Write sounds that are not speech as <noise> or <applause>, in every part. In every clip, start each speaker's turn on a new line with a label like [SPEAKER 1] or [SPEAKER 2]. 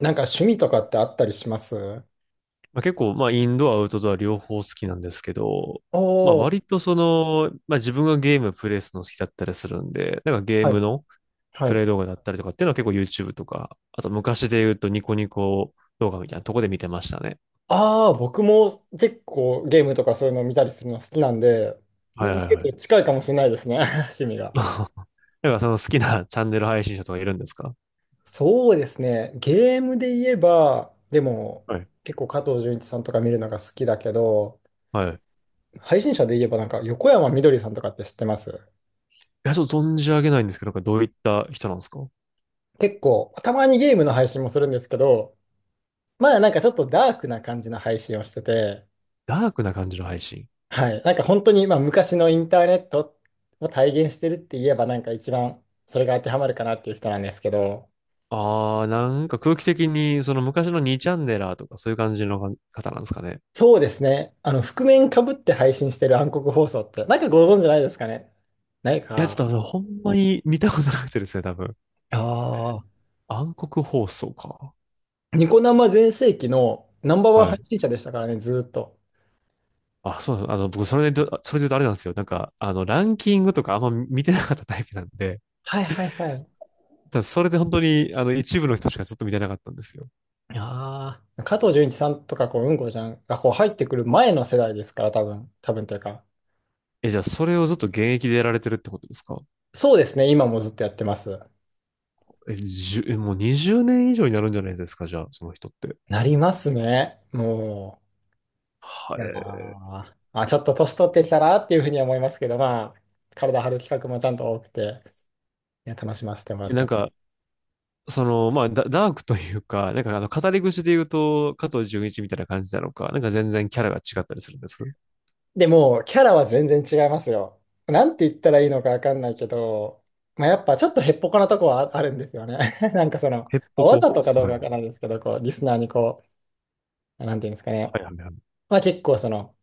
[SPEAKER 1] なんか趣味とかってあったりします？
[SPEAKER 2] まあ、結構、まあ、インドア、アウトドア両方好きなんですけど、
[SPEAKER 1] お
[SPEAKER 2] まあ、
[SPEAKER 1] ー、
[SPEAKER 2] 割とまあ、自分がゲームプレイするの好きだったりするんで、なんかゲー
[SPEAKER 1] は
[SPEAKER 2] ム
[SPEAKER 1] い。
[SPEAKER 2] の
[SPEAKER 1] は
[SPEAKER 2] プレ
[SPEAKER 1] い。
[SPEAKER 2] イ動画だったりとかっていうのは結構 YouTube とか、あと昔で言うとニコニコ動画みたいなとこで見てましたね。
[SPEAKER 1] ああ、僕も結構ゲームとかそういうのを見たりするの好きなんで、
[SPEAKER 2] はい
[SPEAKER 1] ね、
[SPEAKER 2] はい
[SPEAKER 1] 結
[SPEAKER 2] は
[SPEAKER 1] 構
[SPEAKER 2] い。
[SPEAKER 1] 近いかもしれないですね、<laughs> 趣味が。
[SPEAKER 2] <laughs> なんかその好きなチャンネル配信者とかいるんですか？
[SPEAKER 1] そうですね。ゲームで言えば、でも
[SPEAKER 2] はい。
[SPEAKER 1] 結構加藤純一さんとか見るのが好きだけど、
[SPEAKER 2] はい。い
[SPEAKER 1] 配信者で言えばなんか横山みどりさんとかって知ってます？
[SPEAKER 2] や、ちょっと存じ上げないんですけど、なんかどういった人なんですか？
[SPEAKER 1] 結構、たまにゲームの配信もするんですけど、まだなんかちょっとダークな感じの配信をしてて、
[SPEAKER 2] ダークな感じの配信。
[SPEAKER 1] はい。なんか本当に、昔のインターネットを体現してるって言えば、なんか一番それが当てはまるかなっていう人なんですけど、
[SPEAKER 2] なんか空気的に、その昔の2チャンネラーとかそういう感じの方なんですかね。
[SPEAKER 1] そうですね。あの、覆面かぶって配信してる暗黒放送って、なんかご存知ないですかね？ない
[SPEAKER 2] いや、ち
[SPEAKER 1] か。
[SPEAKER 2] ょっとほんまに見たことなくてですね、多分。
[SPEAKER 1] ああ、
[SPEAKER 2] 暗黒放送か。
[SPEAKER 1] ニコ生全盛期のナンバーワン
[SPEAKER 2] は
[SPEAKER 1] 配
[SPEAKER 2] い。
[SPEAKER 1] 信者でしたからね、ずーっと。
[SPEAKER 2] あ、そうなん僕、それで言うとあれなんですよ。なんか、ランキングとかあんま見てなかったタイプなんで、
[SPEAKER 1] はいはいはい。
[SPEAKER 2] ただそれで本当に、一部の人しかずっと見てなかったんですよ。
[SPEAKER 1] ああ、加藤純一さんとか、こう、うんこちゃんがこう入ってくる前の世代ですから、多分、多分というか。
[SPEAKER 2] え、じゃあ、それをずっと現役でやられてるってことですか？
[SPEAKER 1] そうですね。今もずっとやってます。
[SPEAKER 2] え、じゅ、えもう20年以上になるんじゃないですか、じゃあ、その人って。
[SPEAKER 1] なりますね。もう。い
[SPEAKER 2] は
[SPEAKER 1] や
[SPEAKER 2] い。
[SPEAKER 1] ーあ、ちょっと年取ってきたらっていうふうには思いますけど、まあ、体張る企画もちゃんと多くて、いや、楽しませてもらって
[SPEAKER 2] なん
[SPEAKER 1] ま
[SPEAKER 2] か、
[SPEAKER 1] す。
[SPEAKER 2] まあ、ダークというか、なんか、語り口で言うと、加藤純一みたいな感じなのか、なんか全然キャラが違ったりするんです。
[SPEAKER 1] でも、キャラは全然違いますよ。なんて言ったらいいのかわかんないけど、まあ、やっぱちょっとへっぽこなとこはあるんですよね。<laughs> なんかその、
[SPEAKER 2] へっぽ
[SPEAKER 1] わ
[SPEAKER 2] こ。
[SPEAKER 1] ざとかどう
[SPEAKER 2] は
[SPEAKER 1] か
[SPEAKER 2] い。
[SPEAKER 1] わからないですけど、こう、リスナーにこう、なんていうんですかね。
[SPEAKER 2] はいはいはい。
[SPEAKER 1] まあ結構その、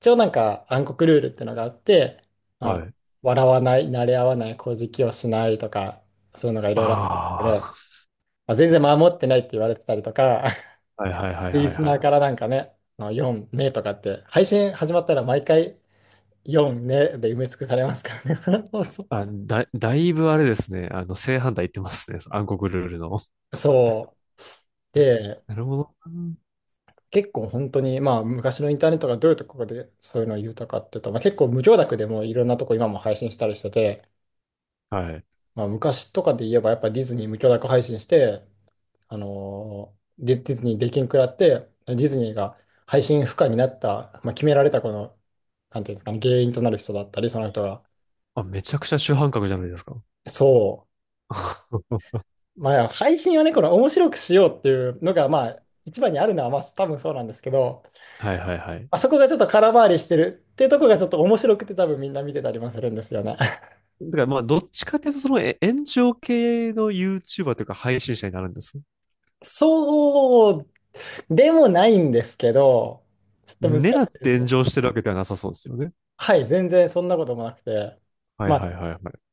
[SPEAKER 1] 一応なんか暗黒ルールってのがあって、ま
[SPEAKER 2] は
[SPEAKER 1] あ、
[SPEAKER 2] い。
[SPEAKER 1] 笑わない、慣れ合わない、乞食をしないとか、そういうのがいろいろあるんですけ
[SPEAKER 2] あ
[SPEAKER 1] ど、まあ全然守ってないって言われてたりとか、
[SPEAKER 2] あ。はいはいは
[SPEAKER 1] <laughs>
[SPEAKER 2] い
[SPEAKER 1] リ
[SPEAKER 2] はい
[SPEAKER 1] ス
[SPEAKER 2] は
[SPEAKER 1] ナー
[SPEAKER 2] い。
[SPEAKER 1] からなんかね、あの4名とかって、配信始まったら毎回4名で埋め尽くされますからね、<laughs> その放送。
[SPEAKER 2] あ、だいぶあれですね。正反対言ってますね。暗黒ルールの。
[SPEAKER 1] そう。
[SPEAKER 2] <laughs>
[SPEAKER 1] で、
[SPEAKER 2] なるほど
[SPEAKER 1] 結構本当に、まあ昔のインターネットがどういうところでそういうのを言うとかっていうと、まあ、結構無許諾でもいろんなとこ今も配信したりしてて、
[SPEAKER 2] な。はい。
[SPEAKER 1] まあ、昔とかで言えばやっぱディズニー無許諾配信して、ディズニーできんくらって、ディズニーが配信不可になった、まあ、決められたこの、なんていうんですかね、原因となる人だったり、その人が。
[SPEAKER 2] あ、めちゃくちゃ主犯格じゃないですか。
[SPEAKER 1] そ
[SPEAKER 2] <laughs>
[SPEAKER 1] う。まあ、配信はね、この面白くしようっていうのが、まあ、一番にあるのは、まあ、多分そうなんですけど、
[SPEAKER 2] はいはいはい。
[SPEAKER 1] あそこがちょっと空回りしてるっていうとこがちょっと面白くて多分みんな見てたりもするんですよね。
[SPEAKER 2] だからまあ、どっちかっていうと、その炎上系の YouTuber というか配信者になるんです？
[SPEAKER 1] <laughs> そうでもないんですけど、ちょっと難し
[SPEAKER 2] 狙っ
[SPEAKER 1] いで
[SPEAKER 2] て
[SPEAKER 1] す
[SPEAKER 2] 炎
[SPEAKER 1] ね。
[SPEAKER 2] 上してるわけではなさそうですよね。
[SPEAKER 1] はい、全然そんなこともなくて。
[SPEAKER 2] はい
[SPEAKER 1] ま
[SPEAKER 2] はい
[SPEAKER 1] あ
[SPEAKER 2] はいはい。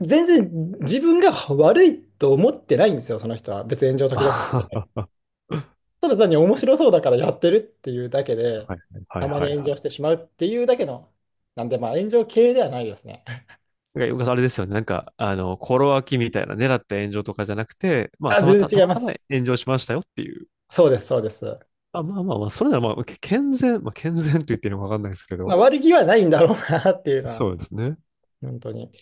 [SPEAKER 1] 全然自分が悪いと思ってないんですよ、その人は。別に炎上
[SPEAKER 2] あ
[SPEAKER 1] 時
[SPEAKER 2] は
[SPEAKER 1] 々。
[SPEAKER 2] は
[SPEAKER 1] ただ単に面白そうだからやってるっていうだけで、
[SPEAKER 2] はいは
[SPEAKER 1] た
[SPEAKER 2] い
[SPEAKER 1] ま
[SPEAKER 2] はいは
[SPEAKER 1] に
[SPEAKER 2] い。
[SPEAKER 1] 炎上してしまうっていうだけの、なんでまあ炎上系ではないですね。<laughs>
[SPEAKER 2] なんかあれですよね。なんか、心脇みたいな狙った炎上とかじゃなくて、まあ、
[SPEAKER 1] あ、
[SPEAKER 2] たま
[SPEAKER 1] 全
[SPEAKER 2] た、
[SPEAKER 1] 然
[SPEAKER 2] た
[SPEAKER 1] 違い
[SPEAKER 2] ま
[SPEAKER 1] ま
[SPEAKER 2] たま
[SPEAKER 1] す。
[SPEAKER 2] 炎上しましたよっていう。
[SPEAKER 1] そうです、そうです。
[SPEAKER 2] あ、まあまあまあ、それならまあ、健全、まあ、健全と言っていいのかわかんないですけ
[SPEAKER 1] まあ
[SPEAKER 2] ど。
[SPEAKER 1] 悪気はないんだろうなっていうのは、
[SPEAKER 2] そうですね。
[SPEAKER 1] 本当に。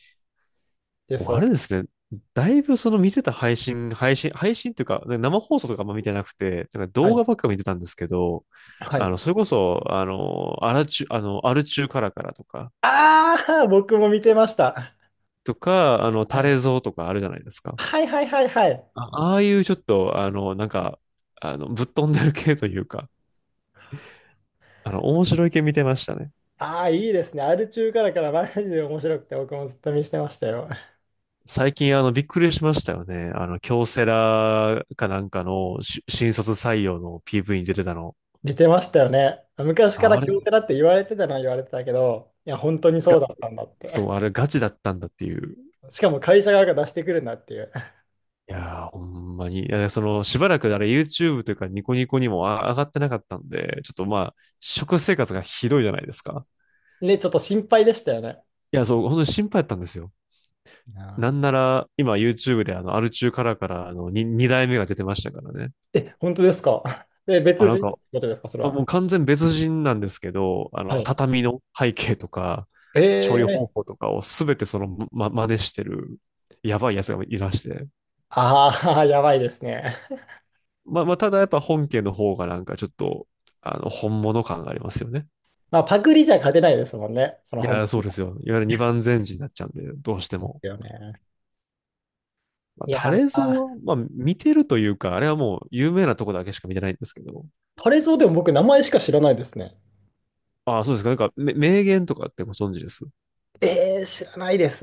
[SPEAKER 1] で、
[SPEAKER 2] もう
[SPEAKER 1] そ
[SPEAKER 2] あれで
[SPEAKER 1] う。
[SPEAKER 2] すね。だいぶその見てた配信というか、生放送とかあんま見てなくて、なんか
[SPEAKER 1] は
[SPEAKER 2] 動
[SPEAKER 1] い。
[SPEAKER 2] 画ばっか見てたんですけど、
[SPEAKER 1] はい。
[SPEAKER 2] それこそ、あの、アラチュ、あの、アルチューカラカラとか、
[SPEAKER 1] ああ、僕も見てました。
[SPEAKER 2] とか、あの、
[SPEAKER 1] は
[SPEAKER 2] タ
[SPEAKER 1] い
[SPEAKER 2] レゾウとかあるじゃないですか。
[SPEAKER 1] はいはいはいはい。
[SPEAKER 2] あ、ああいうちょっと、なんか、ぶっ飛んでる系というか、面白い系見てましたね。
[SPEAKER 1] ああ、いいですね。アル中からからマジで面白くて、僕もずっと見してましたよ。
[SPEAKER 2] 最近、びっくりしましたよね。京セラかなんかの新卒採用の PV に出てたの。
[SPEAKER 1] 似てましたよね。昔から
[SPEAKER 2] あ
[SPEAKER 1] 京
[SPEAKER 2] れ
[SPEAKER 1] セラって言われてたのは言われてたけど、いや、本当にそう
[SPEAKER 2] が、
[SPEAKER 1] だったんだっ
[SPEAKER 2] そ
[SPEAKER 1] て。
[SPEAKER 2] う、あれガチだったんだっていう。
[SPEAKER 1] <laughs> しかも会社側が出してくるんだっていう。
[SPEAKER 2] いやー、ほんまに。いや、しばらくあれ YouTube というかニコニコにも上がってなかったんで、ちょっとまあ、食生活がひどいじゃないですか。
[SPEAKER 1] ね、ちょっと心配でしたよね。
[SPEAKER 2] いや、そう、本当に心配だったんですよ。
[SPEAKER 1] いや
[SPEAKER 2] なんな
[SPEAKER 1] ー
[SPEAKER 2] ら、今 YouTube でアル中からから、二代目が出てましたからね。
[SPEAKER 1] え、本当ですか？ <laughs> で、
[SPEAKER 2] あ、
[SPEAKER 1] 別人ってことですか、それは。
[SPEAKER 2] もう完全別人なんですけど、
[SPEAKER 1] はい。
[SPEAKER 2] 畳の背景とか、調理方
[SPEAKER 1] ええ、
[SPEAKER 2] 法とかをすべて真似してる、やばいやつがいらして。
[SPEAKER 1] ああー、<laughs> やばいですね。<laughs>
[SPEAKER 2] まあ、まあ、ただやっぱ本家の方がなんかちょっと、本物感がありますよね。
[SPEAKER 1] まあ、パクリじゃ勝てないですもんね。その
[SPEAKER 2] い
[SPEAKER 1] 本
[SPEAKER 2] や、そうですよ。いわゆる二番煎じになっちゃうんで、どうして
[SPEAKER 1] 物で
[SPEAKER 2] も。
[SPEAKER 1] すよね。
[SPEAKER 2] まあ、
[SPEAKER 1] いや
[SPEAKER 2] タレゾ
[SPEAKER 1] ー、
[SPEAKER 2] は、まあ、見てるというか、あれはもう有名なとこだけしか見てないんですけど、
[SPEAKER 1] これぞでも僕、名前しか知らないですね。
[SPEAKER 2] ああ、そうですか。なんか、名言とかってご存知です？
[SPEAKER 1] ええ、知らないです。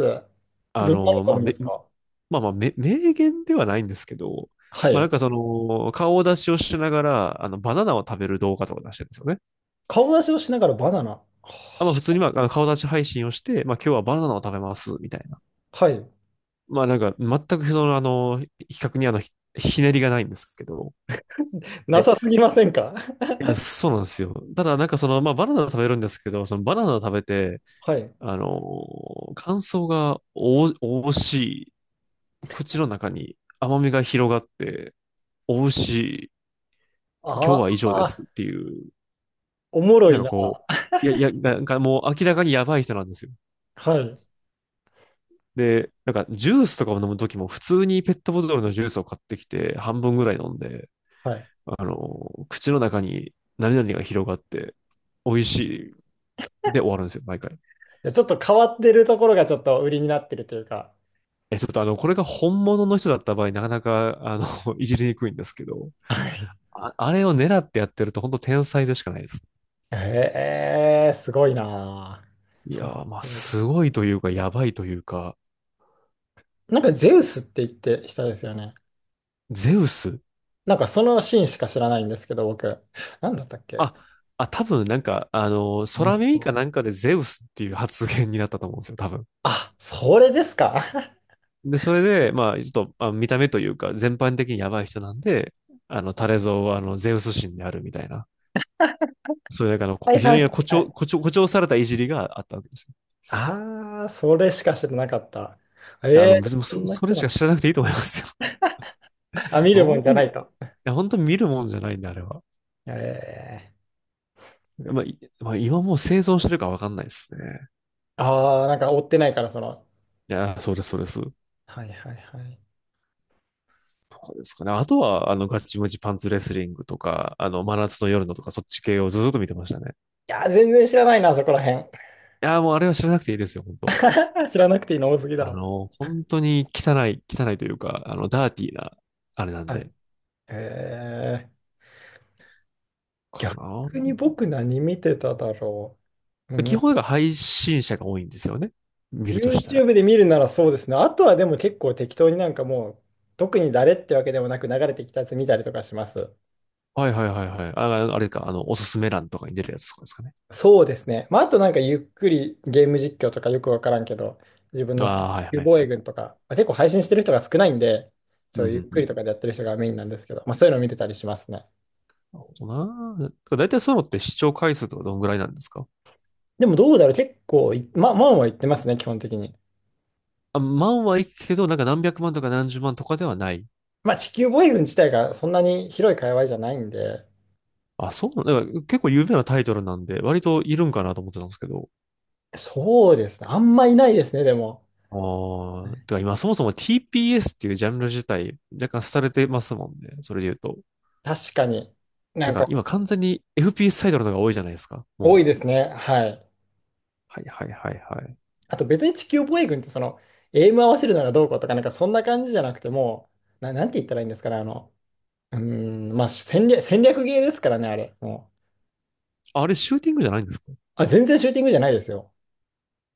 [SPEAKER 1] どんなのがあ
[SPEAKER 2] まあ、
[SPEAKER 1] るんですか？
[SPEAKER 2] まあまあ、名言ではないんですけど、
[SPEAKER 1] は
[SPEAKER 2] まあなん
[SPEAKER 1] い。
[SPEAKER 2] か顔出しをしながら、バナナを食べる動画とか出してるんですよね。
[SPEAKER 1] 顔出しをしながらバナナ。は、
[SPEAKER 2] あ、まあ普通に、まあ、あの顔出し配信をして、まあ今日はバナナを食べます、みたいな。
[SPEAKER 1] はい。
[SPEAKER 2] まあなんか、全く比較にひねりがないんですけど。
[SPEAKER 1] な
[SPEAKER 2] で、
[SPEAKER 1] さすぎませんか？
[SPEAKER 2] いやそうなんですよ。ただなんかまあバナナを食べるんですけど、そのバナナを食べて、
[SPEAKER 1] <laughs> はい。
[SPEAKER 2] あの、感想がおしい、口の中に甘みが広がって、美味しい、今日
[SPEAKER 1] あ
[SPEAKER 2] は以上で
[SPEAKER 1] あ、
[SPEAKER 2] すっていう、
[SPEAKER 1] おもろ
[SPEAKER 2] なん
[SPEAKER 1] い
[SPEAKER 2] か
[SPEAKER 1] な。
[SPEAKER 2] こう、いや、いや、なんかもう明らかにやばい人なんですよ。
[SPEAKER 1] はい。
[SPEAKER 2] で、なんかジュースとかを飲むときも普通にペットボトルのジュースを買ってきて半分ぐらい飲んで、
[SPEAKER 1] はい。
[SPEAKER 2] 口の中に何々が広がって美味しいで終わるんですよ、毎回。
[SPEAKER 1] でちょっと変わってるところがちょっと売りになってるというか。
[SPEAKER 2] え、ちょっとこれが本物の人だった場合、なかなか、<laughs> いじりにくいんですけど、
[SPEAKER 1] はい。
[SPEAKER 2] あ、あれを狙ってやってると本当天才でしかないです。
[SPEAKER 1] へえ、すごいな。
[SPEAKER 2] い
[SPEAKER 1] そ
[SPEAKER 2] や
[SPEAKER 1] ん、
[SPEAKER 2] ー、まあ、すごいというか、やばいというか、
[SPEAKER 1] なんかゼウスって言って人ですよね。
[SPEAKER 2] ゼウス。
[SPEAKER 1] なんかそのシーンしか知らないんですけど、僕。なんだったっけ。
[SPEAKER 2] あ、あ、多分なんか、あの
[SPEAKER 1] う
[SPEAKER 2] 空耳
[SPEAKER 1] ん。
[SPEAKER 2] かなんかでゼウスっていう発言になったと思うんですよ、多分。
[SPEAKER 1] あ、それですか？ <laughs>
[SPEAKER 2] で、それで、まあ、ちょっと、あ、見た目というか、全般的にやばい人なんで、タレゾウは、ゼウス神であるみたいな。そういう、なんか
[SPEAKER 1] はい
[SPEAKER 2] 非
[SPEAKER 1] は
[SPEAKER 2] 常に
[SPEAKER 1] いは
[SPEAKER 2] 誇
[SPEAKER 1] いは
[SPEAKER 2] 張、
[SPEAKER 1] い。
[SPEAKER 2] 誇張、誇張されたいじりがあったわけですよ。
[SPEAKER 1] ああ、それしか知らなかった。え
[SPEAKER 2] いや、
[SPEAKER 1] え、
[SPEAKER 2] 別に
[SPEAKER 1] そんな
[SPEAKER 2] それ
[SPEAKER 1] 人
[SPEAKER 2] し
[SPEAKER 1] な
[SPEAKER 2] か
[SPEAKER 1] んだ。
[SPEAKER 2] 知らなくていいと思いますよ。
[SPEAKER 1] あ、
[SPEAKER 2] <laughs>
[SPEAKER 1] 見るも
[SPEAKER 2] 本
[SPEAKER 1] んじ
[SPEAKER 2] 当
[SPEAKER 1] ゃな
[SPEAKER 2] に、い
[SPEAKER 1] いと。
[SPEAKER 2] や、本当に見るもんじゃないんで、あれは。
[SPEAKER 1] ええ。
[SPEAKER 2] まあ、今もう生存してるかわかんないですね。
[SPEAKER 1] ああ、なんか追ってないから、その。
[SPEAKER 2] いや、そうです、そうです。
[SPEAKER 1] はいはいはい。い
[SPEAKER 2] とかですかね。あとは、ガチムチパンツレスリングとか、真夏の夜のとか、そっち系をずっと見てましたね。
[SPEAKER 1] やー、全然知らないな、そこら辺。
[SPEAKER 2] いやー、もうあれは知らなくていいですよ、本当。
[SPEAKER 1] <laughs> 知らなくていいの多すぎだろ。
[SPEAKER 2] 本当に汚い、汚いというか、ダーティーな、あれなん
[SPEAKER 1] はい。
[SPEAKER 2] で、
[SPEAKER 1] えー、
[SPEAKER 2] か
[SPEAKER 1] 逆
[SPEAKER 2] な。
[SPEAKER 1] に僕何見てただろう。う
[SPEAKER 2] 基
[SPEAKER 1] ん。
[SPEAKER 2] 本が配信者が多いんですよね。見るとしたら。
[SPEAKER 1] YouTube で見るならそうですね。あとはでも結構適当になんかもう、特に誰ってわけでもなく流れてきたやつ見たりとかします。
[SPEAKER 2] はいはいはいはい。あ、あれか、おすすめ欄とかに出るやつとかですかね。
[SPEAKER 1] そうですね。まあ、あとなんかゆっくりゲーム実況とかよくわからんけど、自分
[SPEAKER 2] あ
[SPEAKER 1] の好き
[SPEAKER 2] あ、
[SPEAKER 1] な
[SPEAKER 2] は
[SPEAKER 1] 地
[SPEAKER 2] いは
[SPEAKER 1] 球
[SPEAKER 2] い
[SPEAKER 1] 防衛
[SPEAKER 2] はい。
[SPEAKER 1] 軍とか、まあ、結構配信してる人が少ないんで、そ
[SPEAKER 2] うんう
[SPEAKER 1] うゆっ
[SPEAKER 2] ん。う
[SPEAKER 1] くり
[SPEAKER 2] ん。
[SPEAKER 1] とかでやってる人がメインなんですけど、まあ、そういうのを見てたりしますね。
[SPEAKER 2] なるほどな。だいたいそういうのって視聴回数とかどんぐらいなんですか？
[SPEAKER 1] でもどうだろう、結構い、まあ、まあまあ言ってますね、基本的に。
[SPEAKER 2] あ、万はいくけど、なんか何百万とか何十万とかではない。
[SPEAKER 1] まあ、地球防衛軍自体がそんなに広い界隈じゃないんで、
[SPEAKER 2] あ、そうなんだ。から結構有名なタイトルなんで、割といるんかなと思ってたんですけど。
[SPEAKER 1] そうですね。あんまいないですね、でも。
[SPEAKER 2] ああ、てか今そもそも TPS っていうジャンル自体若干廃れてますもんね。それで言うと。
[SPEAKER 1] 確かに。な
[SPEAKER 2] なん
[SPEAKER 1] ん
[SPEAKER 2] か
[SPEAKER 1] か、
[SPEAKER 2] 今完全に FPS タイトルの方が多いじゃないですか。
[SPEAKER 1] 多
[SPEAKER 2] も
[SPEAKER 1] い
[SPEAKER 2] う。
[SPEAKER 1] ですね。はい。
[SPEAKER 2] はいはいはいはい。
[SPEAKER 1] あと別に地球防衛軍ってその、エイム合わせるならどうこうとか、なんかそんな感じじゃなくてもう、な、なんて言ったらいいんですかね、あの、うーん、まあ戦略、戦略ゲーですからね、あれ。も
[SPEAKER 2] あれシューティングじゃないんですか？
[SPEAKER 1] う。あ、全然シューティングじゃないですよ。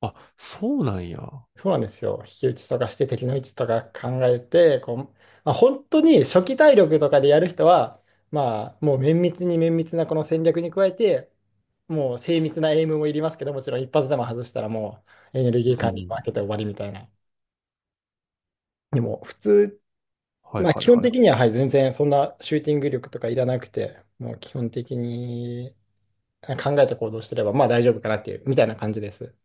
[SPEAKER 2] あ、そうなんや。
[SPEAKER 1] そうなんですよ。引き打ちとかして敵の位置とか考えて、こう、まあ、本当に初期体力とかでやる人は、まあもう綿密なこの戦略に加えて、もう精密なエイムもいりますけど、もちろん一発でも外したらもうエネルギ
[SPEAKER 2] う
[SPEAKER 1] ー管理
[SPEAKER 2] ん。
[SPEAKER 1] 負けて終わりみたいな。でも普通
[SPEAKER 2] はい
[SPEAKER 1] まあ、
[SPEAKER 2] は
[SPEAKER 1] 基
[SPEAKER 2] い
[SPEAKER 1] 本
[SPEAKER 2] は
[SPEAKER 1] 的
[SPEAKER 2] い。
[SPEAKER 1] には、はい、全然そんなシューティング力とかいらなくて、もう基本的に考えて行動してれば、まあ大丈夫かなっていう、みたいな感じです。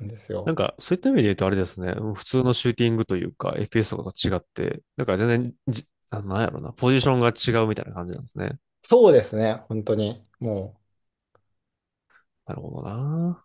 [SPEAKER 1] なんです
[SPEAKER 2] なん
[SPEAKER 1] よ。
[SPEAKER 2] かそういった意味で言うとあれですね。普通のシューティングというか FPS とかと違って、なんか全然なんやろな。ポジションが違うみたいな感じなんですね。
[SPEAKER 1] そうですね、本当に。もう、
[SPEAKER 2] なるほどな。